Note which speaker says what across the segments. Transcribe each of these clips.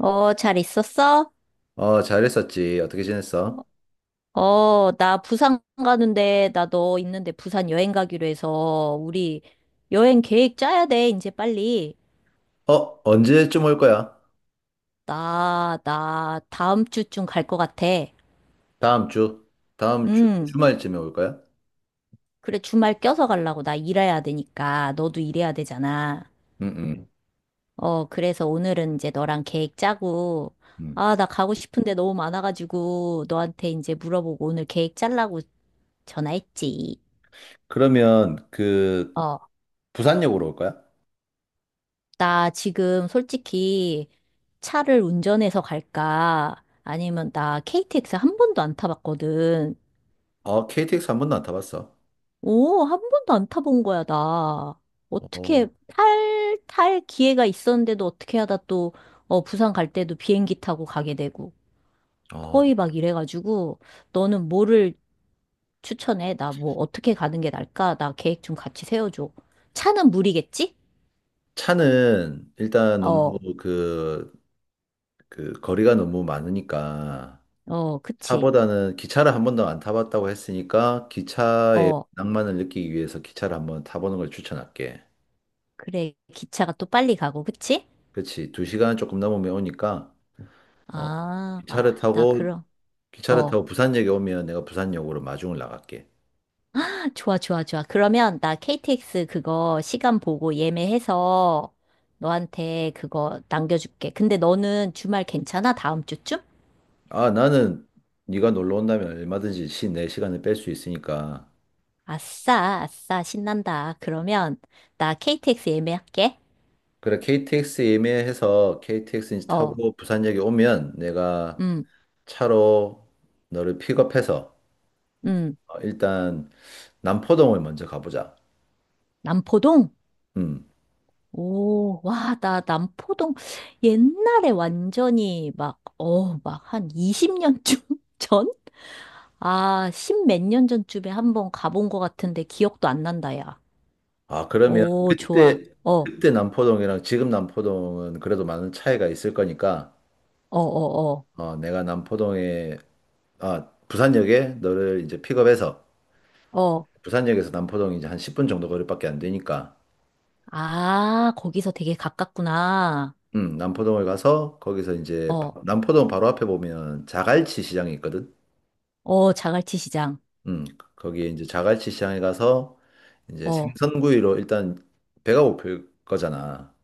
Speaker 1: 어, 잘 있었어?
Speaker 2: 어, 잘했었지. 어떻게 지냈어?
Speaker 1: 어, 나 부산 가는데, 나 너 있는데 부산 여행 가기로 해서, 우리 여행 계획 짜야 돼, 이제 빨리.
Speaker 2: 어, 언제쯤 올 거야?
Speaker 1: 나 다음 주쯤 갈 것 같아.
Speaker 2: 다음 주. 다음 주
Speaker 1: 음,
Speaker 2: 주말쯤에 올 거야?
Speaker 1: 그래, 주말 껴서 가려고. 나 일해야 되니까. 너도 일해야 되잖아.
Speaker 2: 응, 응.
Speaker 1: 어, 그래서 오늘은 이제 너랑 계획 짜고,
Speaker 2: 응.
Speaker 1: 아, 나 가고 싶은데 너무 많아가지고, 너한테 이제 물어보고 오늘 계획 짜려고 전화했지.
Speaker 2: 그러면 그
Speaker 1: 어,
Speaker 2: 부산역으로 올 거야?
Speaker 1: 나 지금 솔직히 차를 운전해서 갈까? 아니면 나 KTX 한 번도 안 타봤거든.
Speaker 2: 어, KTX 한 번도 안 타봤어.
Speaker 1: 오, 한 번도 안 타본 거야, 나.
Speaker 2: 어,
Speaker 1: 어떻게 탈 기회가 있었는데도 어떻게 하다 또, 어, 부산 갈 때도 비행기 타고 가게 되고.
Speaker 2: 어.
Speaker 1: 거의 막 이래가지고, 너는 뭐를 추천해? 나 뭐 어떻게 가는 게 나을까? 나 계획 좀 같이 세워줘. 차는 무리겠지?
Speaker 2: 차는 일단 너무
Speaker 1: 어,
Speaker 2: 그, 그 거리가 너무 많으니까
Speaker 1: 어, 그치.
Speaker 2: 차보다는 기차를 한 번도 안 타봤다고 했으니까 기차의
Speaker 1: 어,
Speaker 2: 낭만을 느끼기 위해서 기차를 한번 타보는 걸 추천할게.
Speaker 1: 그래. 기차가 또 빨리 가고, 그치?
Speaker 2: 그렇지. 두 시간 조금 넘으면 오니까 어,
Speaker 1: 아,
Speaker 2: 기차를
Speaker 1: 아, 나
Speaker 2: 타고
Speaker 1: 그럼.
Speaker 2: 기차를
Speaker 1: 어,
Speaker 2: 타고 부산역에 오면 내가 부산역으로 마중을 나갈게.
Speaker 1: 좋아, 좋아, 좋아. 그러면 나 KTX 그거 시간 보고 예매해서 너한테 그거 남겨줄게. 근데 너는 주말 괜찮아? 다음 주쯤?
Speaker 2: 아, 나는 네가 놀러 온다면 얼마든지 내 시간을 뺄 수 있으니까.
Speaker 1: 아싸, 아싸, 신난다. 그러면 나 KTX 예매할게.
Speaker 2: 그래, KTX 예매해서 KTX 이제
Speaker 1: 어,
Speaker 2: 타고 부산역에 오면 내가
Speaker 1: 음,
Speaker 2: 차로 너를 픽업해서
Speaker 1: 음,
Speaker 2: 일단 남포동을 먼저 가보자.
Speaker 1: 남포동?
Speaker 2: 음.
Speaker 1: 오, 와, 나 남포동 옛날에 완전히 막, 어, 막 한 20년쯤 전? 아, 십 몇 년 전쯤에 한번 가본 것 같은데 기억도 안 난다, 야.
Speaker 2: 아, 그러면
Speaker 1: 오, 좋아.
Speaker 2: 그때
Speaker 1: 어, 어,
Speaker 2: 그때 남포동이랑 지금 남포동은 그래도 많은 차이가 있을 거니까
Speaker 1: 어,
Speaker 2: 어, 내가 남포동에 부산역에 너를 이제 픽업해서
Speaker 1: 어, 어.
Speaker 2: 부산역에서 남포동 이제 한 10분 정도 거리밖에 안 되니까
Speaker 1: 아, 거기서 되게 가깝구나.
Speaker 2: 남포동을 가서 거기서 이제
Speaker 1: 어,
Speaker 2: 남포동 바로 앞에 보면 자갈치 시장이 있거든.
Speaker 1: 어, 자갈치 시장.
Speaker 2: 음, 거기에 이제 자갈치 시장에 가서 이제
Speaker 1: 어,
Speaker 2: 생선구이로 일단 배가 고플 거잖아.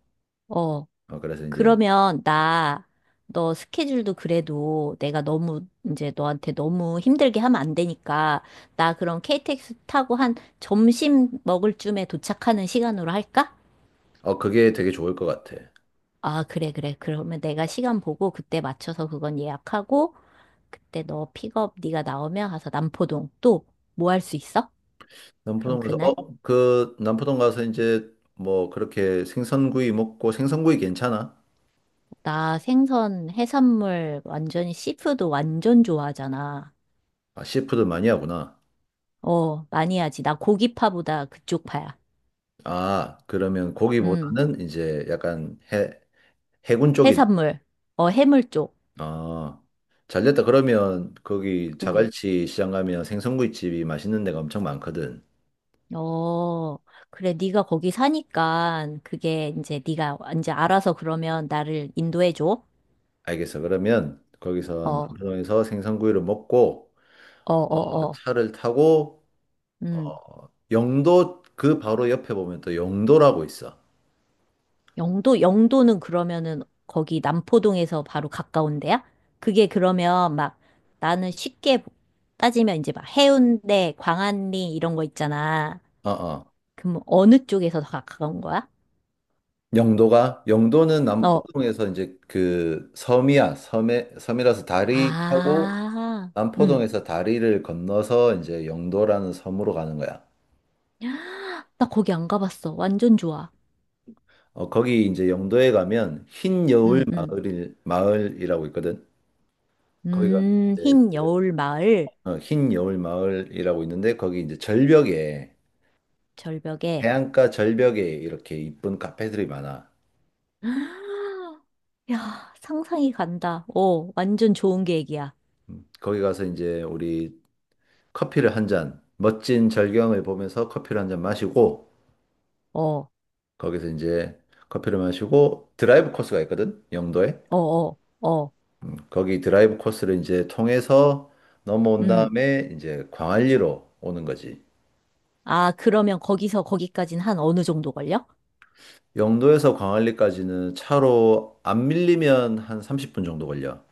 Speaker 1: 어,
Speaker 2: 어, 그래서 이제
Speaker 1: 그러면 나 너 스케줄도 그래도 내가 너무 이제 너한테 너무 힘들게 하면 안 되니까 나 그럼 KTX 타고 한 점심 먹을 쯤에 도착하는 시간으로 할까?
Speaker 2: 어 그게 되게 좋을 것 같아.
Speaker 1: 아, 그래, 그래. 그러면 내가 시간 보고 그때 맞춰서 그건 예약하고 그때 너 픽업 네가 나오면 가서 남포동 또 뭐 할 수 있어? 그럼 그날
Speaker 2: 남포동 가서 이제 뭐 그렇게 생선구이 먹고 생선구이 괜찮아?
Speaker 1: 나 생선 해산물 완전히 씨푸드 완전 좋아하잖아.
Speaker 2: 아, 시푸드 많이 하구나.
Speaker 1: 어, 많이 하지. 나 고기파보다 그쪽 파야.
Speaker 2: 아, 그러면
Speaker 1: 음.
Speaker 2: 거기보다는 이제 약간 해군 쪽이,
Speaker 1: 해산물. 어, 해물 쪽.
Speaker 2: 아, 잘 됐다. 그러면 거기
Speaker 1: 응,
Speaker 2: 자갈치 시장 가면 생선구이집이 맛있는 데가 엄청 많거든.
Speaker 1: 어, 그래, 네가 거기 사니까 그게 이제 네가 이제 알아서 그러면 나를 인도해 줘.
Speaker 2: 알겠어. 그러면
Speaker 1: 어,
Speaker 2: 거기서
Speaker 1: 어,
Speaker 2: 남포동에서 생선구이를 먹고
Speaker 1: 어, 어.
Speaker 2: 차를 타고
Speaker 1: 음.
Speaker 2: 영도 그 바로 옆에 보면 또 영도라고 있어.
Speaker 1: 영도, 영도는 그러면은 거기 남포동에서 바로 가까운 데야? 그게 그러면 막 나는 쉽게 따지면 이제 막 해운대, 광안리 이런 거 있잖아.
Speaker 2: 어, 어.
Speaker 1: 그럼 어느 쪽에서 더 가까운 거야?
Speaker 2: 영도가 영도는
Speaker 1: 어.
Speaker 2: 남포동에서 이제 그 섬이야. 섬에 섬이라서 다리 타고
Speaker 1: 아. 응.
Speaker 2: 남포동에서 다리를 건너서 이제 영도라는 섬으로 가는 거야.
Speaker 1: 헉, 나 거기 안 가봤어. 완전 좋아.
Speaker 2: 거기 이제 영도에 가면 흰 여울
Speaker 1: 음, 음.
Speaker 2: 마을이라고 있거든. 거기 가면 이제
Speaker 1: 흰
Speaker 2: 그,
Speaker 1: 여울 마을
Speaker 2: 흰 여울 마을이라고 있는데 거기 이제 절벽에
Speaker 1: 절벽에.
Speaker 2: 해안가 절벽에 이렇게 이쁜 카페들이 많아.
Speaker 1: 헉, 야, 상상이 간다. 어, 완전 좋은 계획이야.
Speaker 2: 거기 가서 이제 우리 커피를 한 잔, 멋진 절경을 보면서 커피를 한 잔 마시고
Speaker 1: 어,
Speaker 2: 거기서 이제 커피를 마시고 드라이브 코스가 있거든. 영도에.
Speaker 1: 어, 어, 어.
Speaker 2: 거기 드라이브 코스를 이제 통해서 넘어온
Speaker 1: 음.
Speaker 2: 다음에 이제 광안리로 오는 거지.
Speaker 1: 아, 그러면 거기서 거기까진 한 어느 정도 걸려?
Speaker 2: 영도에서 광안리까지는 차로 안 밀리면 한 30분 정도 걸려.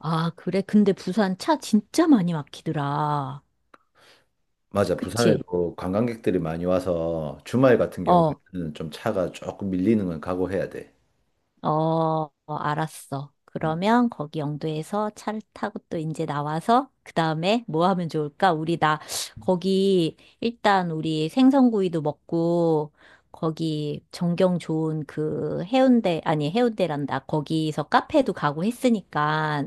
Speaker 1: 아, 그래. 근데 부산 차 진짜 많이 막히더라.
Speaker 2: 맞아.
Speaker 1: 그치?
Speaker 2: 부산에도 관광객들이 많이 와서 주말 같은
Speaker 1: 어,
Speaker 2: 경우에는 좀 차가 조금 밀리는 건 각오해야 돼.
Speaker 1: 어, 어, 알았어.
Speaker 2: 음,
Speaker 1: 그러면 거기 영도에서 차를 타고 또 이제 나와서 그 다음에 뭐 하면 좋을까? 우리 나 거기 일단 우리 생선구이도 먹고 거기 전경 좋은 그 해운대, 아니 해운대란다. 거기서 카페도 가고 했으니까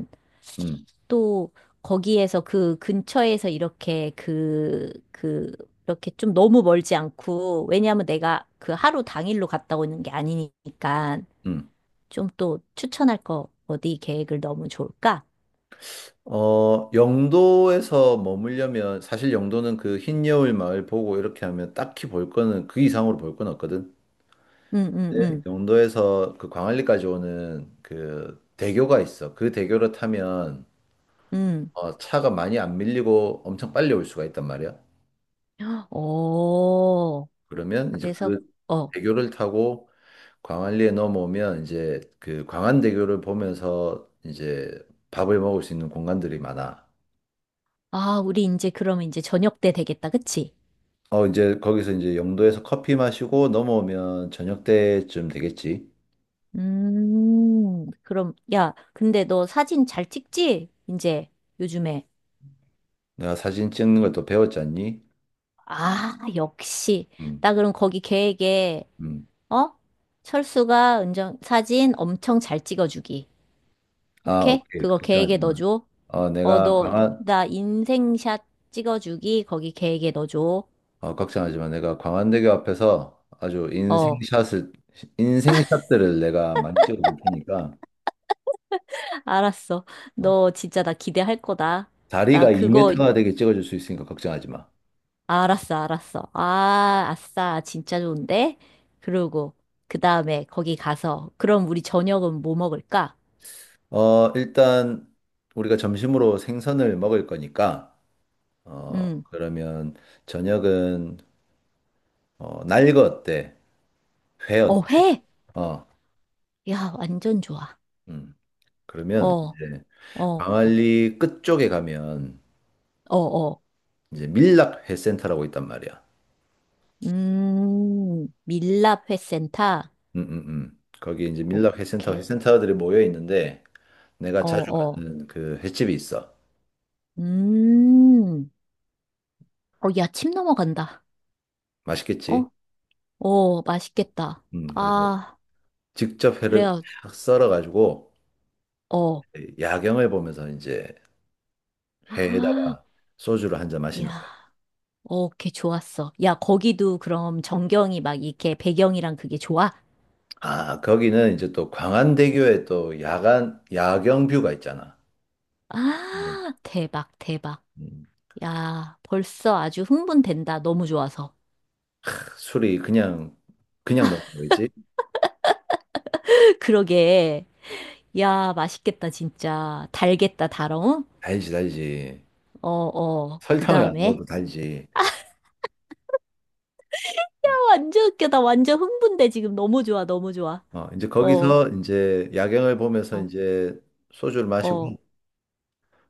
Speaker 2: 음,
Speaker 1: 또 거기에서 그 근처에서 이렇게 그, 이렇게 좀 너무 멀지 않고, 왜냐하면 내가 그 하루 당일로 갔다 오는 게 아니니까.
Speaker 2: 음.
Speaker 1: 좀 또 추천할 거 어디 계획을 넣으면 좋을까?
Speaker 2: 영도에서 머물려면 사실 영도는 그 흰여울 마을 보고 이렇게 하면 딱히 볼 거는 그 이상으로 볼 건 없거든.
Speaker 1: 응, 응,
Speaker 2: 네,
Speaker 1: 응,
Speaker 2: 그도에서 그 광안리까지 오는 그 대교가 있어. 그 대교를 타면
Speaker 1: 응.
Speaker 2: 차가 많이 안 밀리고 엄청 빨리 올 수가 있단 말이야.
Speaker 1: 어,
Speaker 2: 그러면 이제
Speaker 1: 그래서,
Speaker 2: 그
Speaker 1: 어,
Speaker 2: 대교를 타고 광안리에 넘어오면 이제 그 광안대교를 보면서 이제 밥을 먹을 수 있는 공간들이 많아.
Speaker 1: 아, 우리 이제 그러면 이제 저녁 때 되겠다, 그치?
Speaker 2: 이제 거기서 이제 영도에서 커피 마시고 넘어오면 저녁 때쯤 되겠지.
Speaker 1: 그럼, 야, 근데 너 사진 잘 찍지? 이제 요즘에.
Speaker 2: 내가 사진 찍는 걸 또 배웠잖니?
Speaker 1: 아, 역시.
Speaker 2: 음,
Speaker 1: 나 그럼 거기 계획에,
Speaker 2: 음.
Speaker 1: 어? 철수가 은정 사진 엄청 잘 찍어주기.
Speaker 2: 아,
Speaker 1: 오케이?
Speaker 2: 오케이.
Speaker 1: 그거
Speaker 2: 걱정하지
Speaker 1: 계획에
Speaker 2: 마.
Speaker 1: 넣어줘.
Speaker 2: 어,
Speaker 1: 어,
Speaker 2: 내가
Speaker 1: 너,
Speaker 2: 광안,
Speaker 1: 나 인생샷 찍어주기 거기 계획에 넣어줘.
Speaker 2: 걱정하지만 내가 광안대교 앞에서 아주
Speaker 1: 어,
Speaker 2: 인생샷을 인생샷들을 내가 많이 찍어줄 테니까
Speaker 1: 알았어.
Speaker 2: 어,
Speaker 1: 너 진짜 나 기대할 거다. 나
Speaker 2: 다리가
Speaker 1: 그거,
Speaker 2: 2m가 되게 찍어줄 수 있으니까 걱정하지 마.
Speaker 1: 알았어, 알았어. 아, 아싸, 진짜 좋은데? 그러고, 그 다음에 거기 가서, 그럼 우리 저녁은 뭐 먹을까?
Speaker 2: 일단 우리가 점심으로 생선을 먹을 거니까 어,
Speaker 1: 음,
Speaker 2: 그러면 저녁은 날거 어때? 회 어때?
Speaker 1: 어, 회!
Speaker 2: 어,
Speaker 1: 야, 완전 좋아.
Speaker 2: 음. 그러면
Speaker 1: 어,
Speaker 2: 이제
Speaker 1: 어,
Speaker 2: 광안리 끝쪽에 가면
Speaker 1: 어, 어.
Speaker 2: 이제 밀락회센터라고 있단 말이야.
Speaker 1: 밀랍 회센터.
Speaker 2: 거기 이제 밀락 회센터
Speaker 1: 오케이.
Speaker 2: 회센터들이 모여 있는데 내가
Speaker 1: 어,
Speaker 2: 자주
Speaker 1: 어.
Speaker 2: 가는 그 횟집이 있어.
Speaker 1: 음. 어, 야, 침 넘어간다.
Speaker 2: 맛있겠지?
Speaker 1: 어? 어, 맛있겠다.
Speaker 2: 그래서
Speaker 1: 아,
Speaker 2: 직접 회를
Speaker 1: 그래요.
Speaker 2: 딱 썰어가지고
Speaker 1: 어.
Speaker 2: 야경을 보면서 이제
Speaker 1: 아,
Speaker 2: 회에다가 소주를 한 잔 마시는
Speaker 1: 야,
Speaker 2: 거야.
Speaker 1: 어, 걔 좋았어. 야, 거기도 그럼 전경이 막 이렇게 배경이랑 그게 좋아?
Speaker 2: 아, 거기는 이제 또 광안대교에 또 야경 뷰가 있잖아. 음,
Speaker 1: 아, 대박, 대박.
Speaker 2: 음,
Speaker 1: 야, 벌써 아주 흥분된다. 너무 좋아서.
Speaker 2: 술이 그냥 넣는 거지?
Speaker 1: 그러게. 야, 맛있겠다, 진짜. 달겠다, 달어.
Speaker 2: 달지, 달지.
Speaker 1: 어, 어. 그
Speaker 2: 설탕을 안
Speaker 1: 다음에.
Speaker 2: 넣어도 달지.
Speaker 1: 완전 웃겨. 나 완전 흥분돼. 지금 너무 좋아, 너무 좋아.
Speaker 2: 이제
Speaker 1: 어,
Speaker 2: 거기서 이제 야경을 보면서
Speaker 1: 어,
Speaker 2: 이제 소주를 마시고
Speaker 1: 어,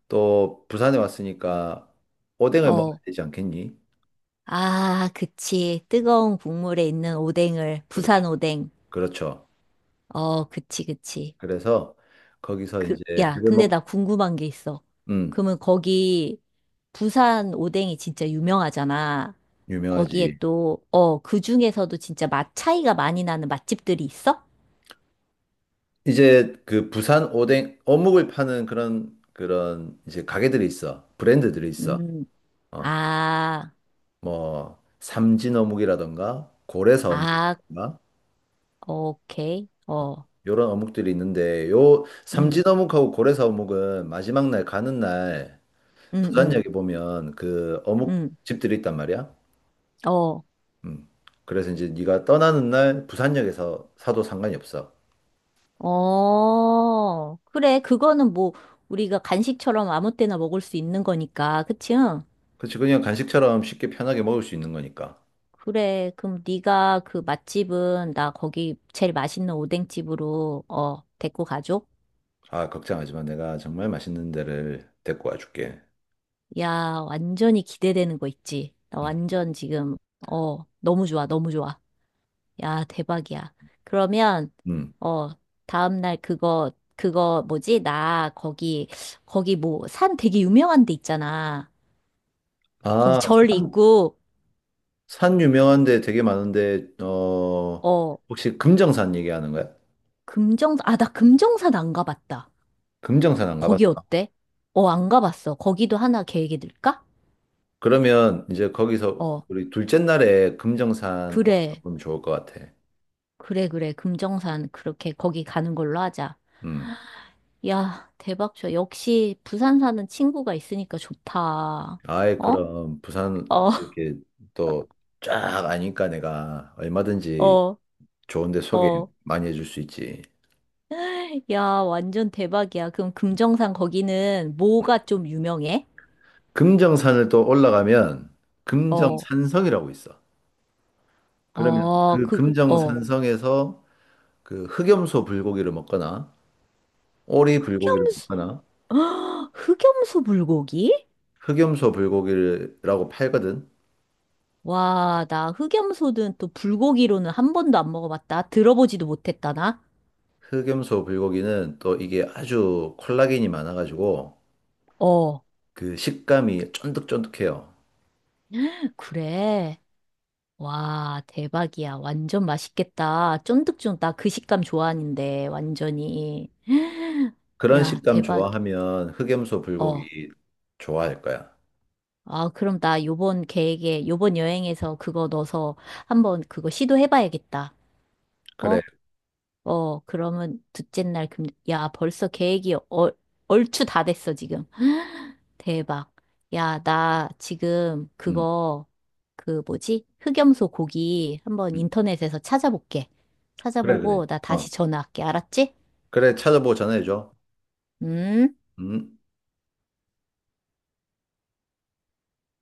Speaker 2: 또 부산에 왔으니까 오뎅을 먹어야
Speaker 1: 어.
Speaker 2: 되지 않겠니?
Speaker 1: 아, 그치. 뜨거운 국물에 있는 오뎅을,
Speaker 2: 그렇죠.
Speaker 1: 부산 오뎅.
Speaker 2: 그렇죠.
Speaker 1: 어, 그치, 그치.
Speaker 2: 그래서 거기서 이제
Speaker 1: 그, 야,
Speaker 2: 회를
Speaker 1: 근데
Speaker 2: 먹,
Speaker 1: 나 궁금한 게 있어.
Speaker 2: 음,
Speaker 1: 그러면 거기, 부산 오뎅이 진짜 유명하잖아. 거기에
Speaker 2: 유명하지.
Speaker 1: 또, 어, 그 중에서도 진짜 맛 차이가 많이 나는 맛집들이 있어?
Speaker 2: 이제 그 부산 오뎅, 어묵을 파는 그런 이제 가게들이 있어. 브랜드들이 있어.
Speaker 1: 음,
Speaker 2: 어,
Speaker 1: 아,
Speaker 2: 뭐, 삼진 어묵이라던가, 고래사
Speaker 1: 아,
Speaker 2: 어묵이라던가,
Speaker 1: 오케이. 어,
Speaker 2: 요런 어묵들이 있는데, 요 삼진
Speaker 1: 음,
Speaker 2: 어묵하고 고래사 어묵은 마지막 날 가는 날
Speaker 1: 음, 음,
Speaker 2: 부산역에 보면 그 어묵
Speaker 1: 음,
Speaker 2: 집들이 있단 말이야.
Speaker 1: 어.
Speaker 2: 음. 그래서 이제 네가 떠나는 날 부산역에서 사도 상관이 없어.
Speaker 1: 어, 그래. 그거는 뭐, 우리가 간식처럼 아무 때나 먹을 수 있는 거니까. 그치? 응?
Speaker 2: 그렇지. 그냥 간식처럼 쉽게 편하게 먹을 수 있는 거니까.
Speaker 1: 그래. 그럼 네가 그 맛집은 나 거기 제일 맛있는 오뎅집으로, 어, 데리고 가줘?
Speaker 2: 아, 걱정하지 마. 내가 정말 맛있는 데를 데리고 와줄게.
Speaker 1: 야, 완전히 기대되는 거 있지? 나
Speaker 2: 음.
Speaker 1: 완전 지금, 어, 너무 좋아. 너무 좋아. 야, 대박이야. 그러면,
Speaker 2: 음.
Speaker 1: 어, 다음날 그거, 그거 뭐지? 나 거기, 거기 뭐, 산 되게 유명한 데 있잖아. 거기
Speaker 2: 아,
Speaker 1: 절
Speaker 2: 산,
Speaker 1: 있고,
Speaker 2: 산 유명한 데 되게 많은데,
Speaker 1: 어,
Speaker 2: 혹시 금정산 얘기하는 거야?
Speaker 1: 금정사, 아, 나 금정산 안 가봤다.
Speaker 2: 금정산 안
Speaker 1: 거기
Speaker 2: 가봤어?
Speaker 1: 어때? 어, 안 가봤어. 거기도 하나 계획이 들까?
Speaker 2: 그러면 이제 거기서
Speaker 1: 어,
Speaker 2: 우리 둘째 날에 금정산
Speaker 1: 그래.
Speaker 2: 와보면 좋을 것 같아.
Speaker 1: 그래, 그래. 금정산, 그렇게 거기 가는 걸로 하자.
Speaker 2: 음.
Speaker 1: 야, 대박이야. 역시 부산 사는 친구가 있으니까 좋다.
Speaker 2: 아이,
Speaker 1: 어?
Speaker 2: 그럼, 부산
Speaker 1: 어,
Speaker 2: 이렇게 또 쫙 아니까 내가 얼마든지
Speaker 1: 어,
Speaker 2: 좋은데 소개
Speaker 1: 어.
Speaker 2: 많이 해줄 수 있지.
Speaker 1: 야, 완전 대박이야. 그럼 금정산 거기는 뭐가 좀 유명해?
Speaker 2: 금정산을 또 올라가면
Speaker 1: 어,
Speaker 2: 금정산성이라고 있어. 그러면
Speaker 1: 어,
Speaker 2: 그
Speaker 1: 그, 어.
Speaker 2: 금정산성에서 그 흑염소 불고기를 먹거나 오리 불고기를
Speaker 1: 흑염소,
Speaker 2: 먹거나
Speaker 1: 흑염소 불고기?
Speaker 2: 흑염소 불고기라고 팔거든.
Speaker 1: 와, 나 흑염소는 또 불고기로는 한 번도 안 먹어봤다. 들어보지도 못했다, 나.
Speaker 2: 흑염소 불고기는 또 이게 아주 콜라겐이 많아가지고
Speaker 1: 어,
Speaker 2: 그 식감이 쫀득쫀득해요.
Speaker 1: 그래. 와, 대박이야. 완전 맛있겠다. 쫀득쫀득. 나 그 식감 좋아하는데, 완전히.
Speaker 2: 그런
Speaker 1: 야,
Speaker 2: 식감
Speaker 1: 대박.
Speaker 2: 좋아하면 흑염소
Speaker 1: 어.
Speaker 2: 불고기 좋아할 거야.
Speaker 1: 아, 그럼 나 요번 계획에, 요번 여행에서 그거 넣어서 한번 그거 시도해봐야겠다. 어?
Speaker 2: 그래.
Speaker 1: 어, 그러면 둘째 날 금, 야, 벌써 계획이 얼추 다 됐어, 지금. 대박. 야, 나 지금
Speaker 2: 음.
Speaker 1: 그거, 그 뭐지? 흑염소 고기 한번
Speaker 2: 음.
Speaker 1: 인터넷에서 찾아볼게.
Speaker 2: 그래, 그래.
Speaker 1: 찾아보고 나
Speaker 2: 어.
Speaker 1: 다시 전화할게. 알았지?
Speaker 2: 그래, 찾아보고 전화해줘.
Speaker 1: 음.
Speaker 2: 음.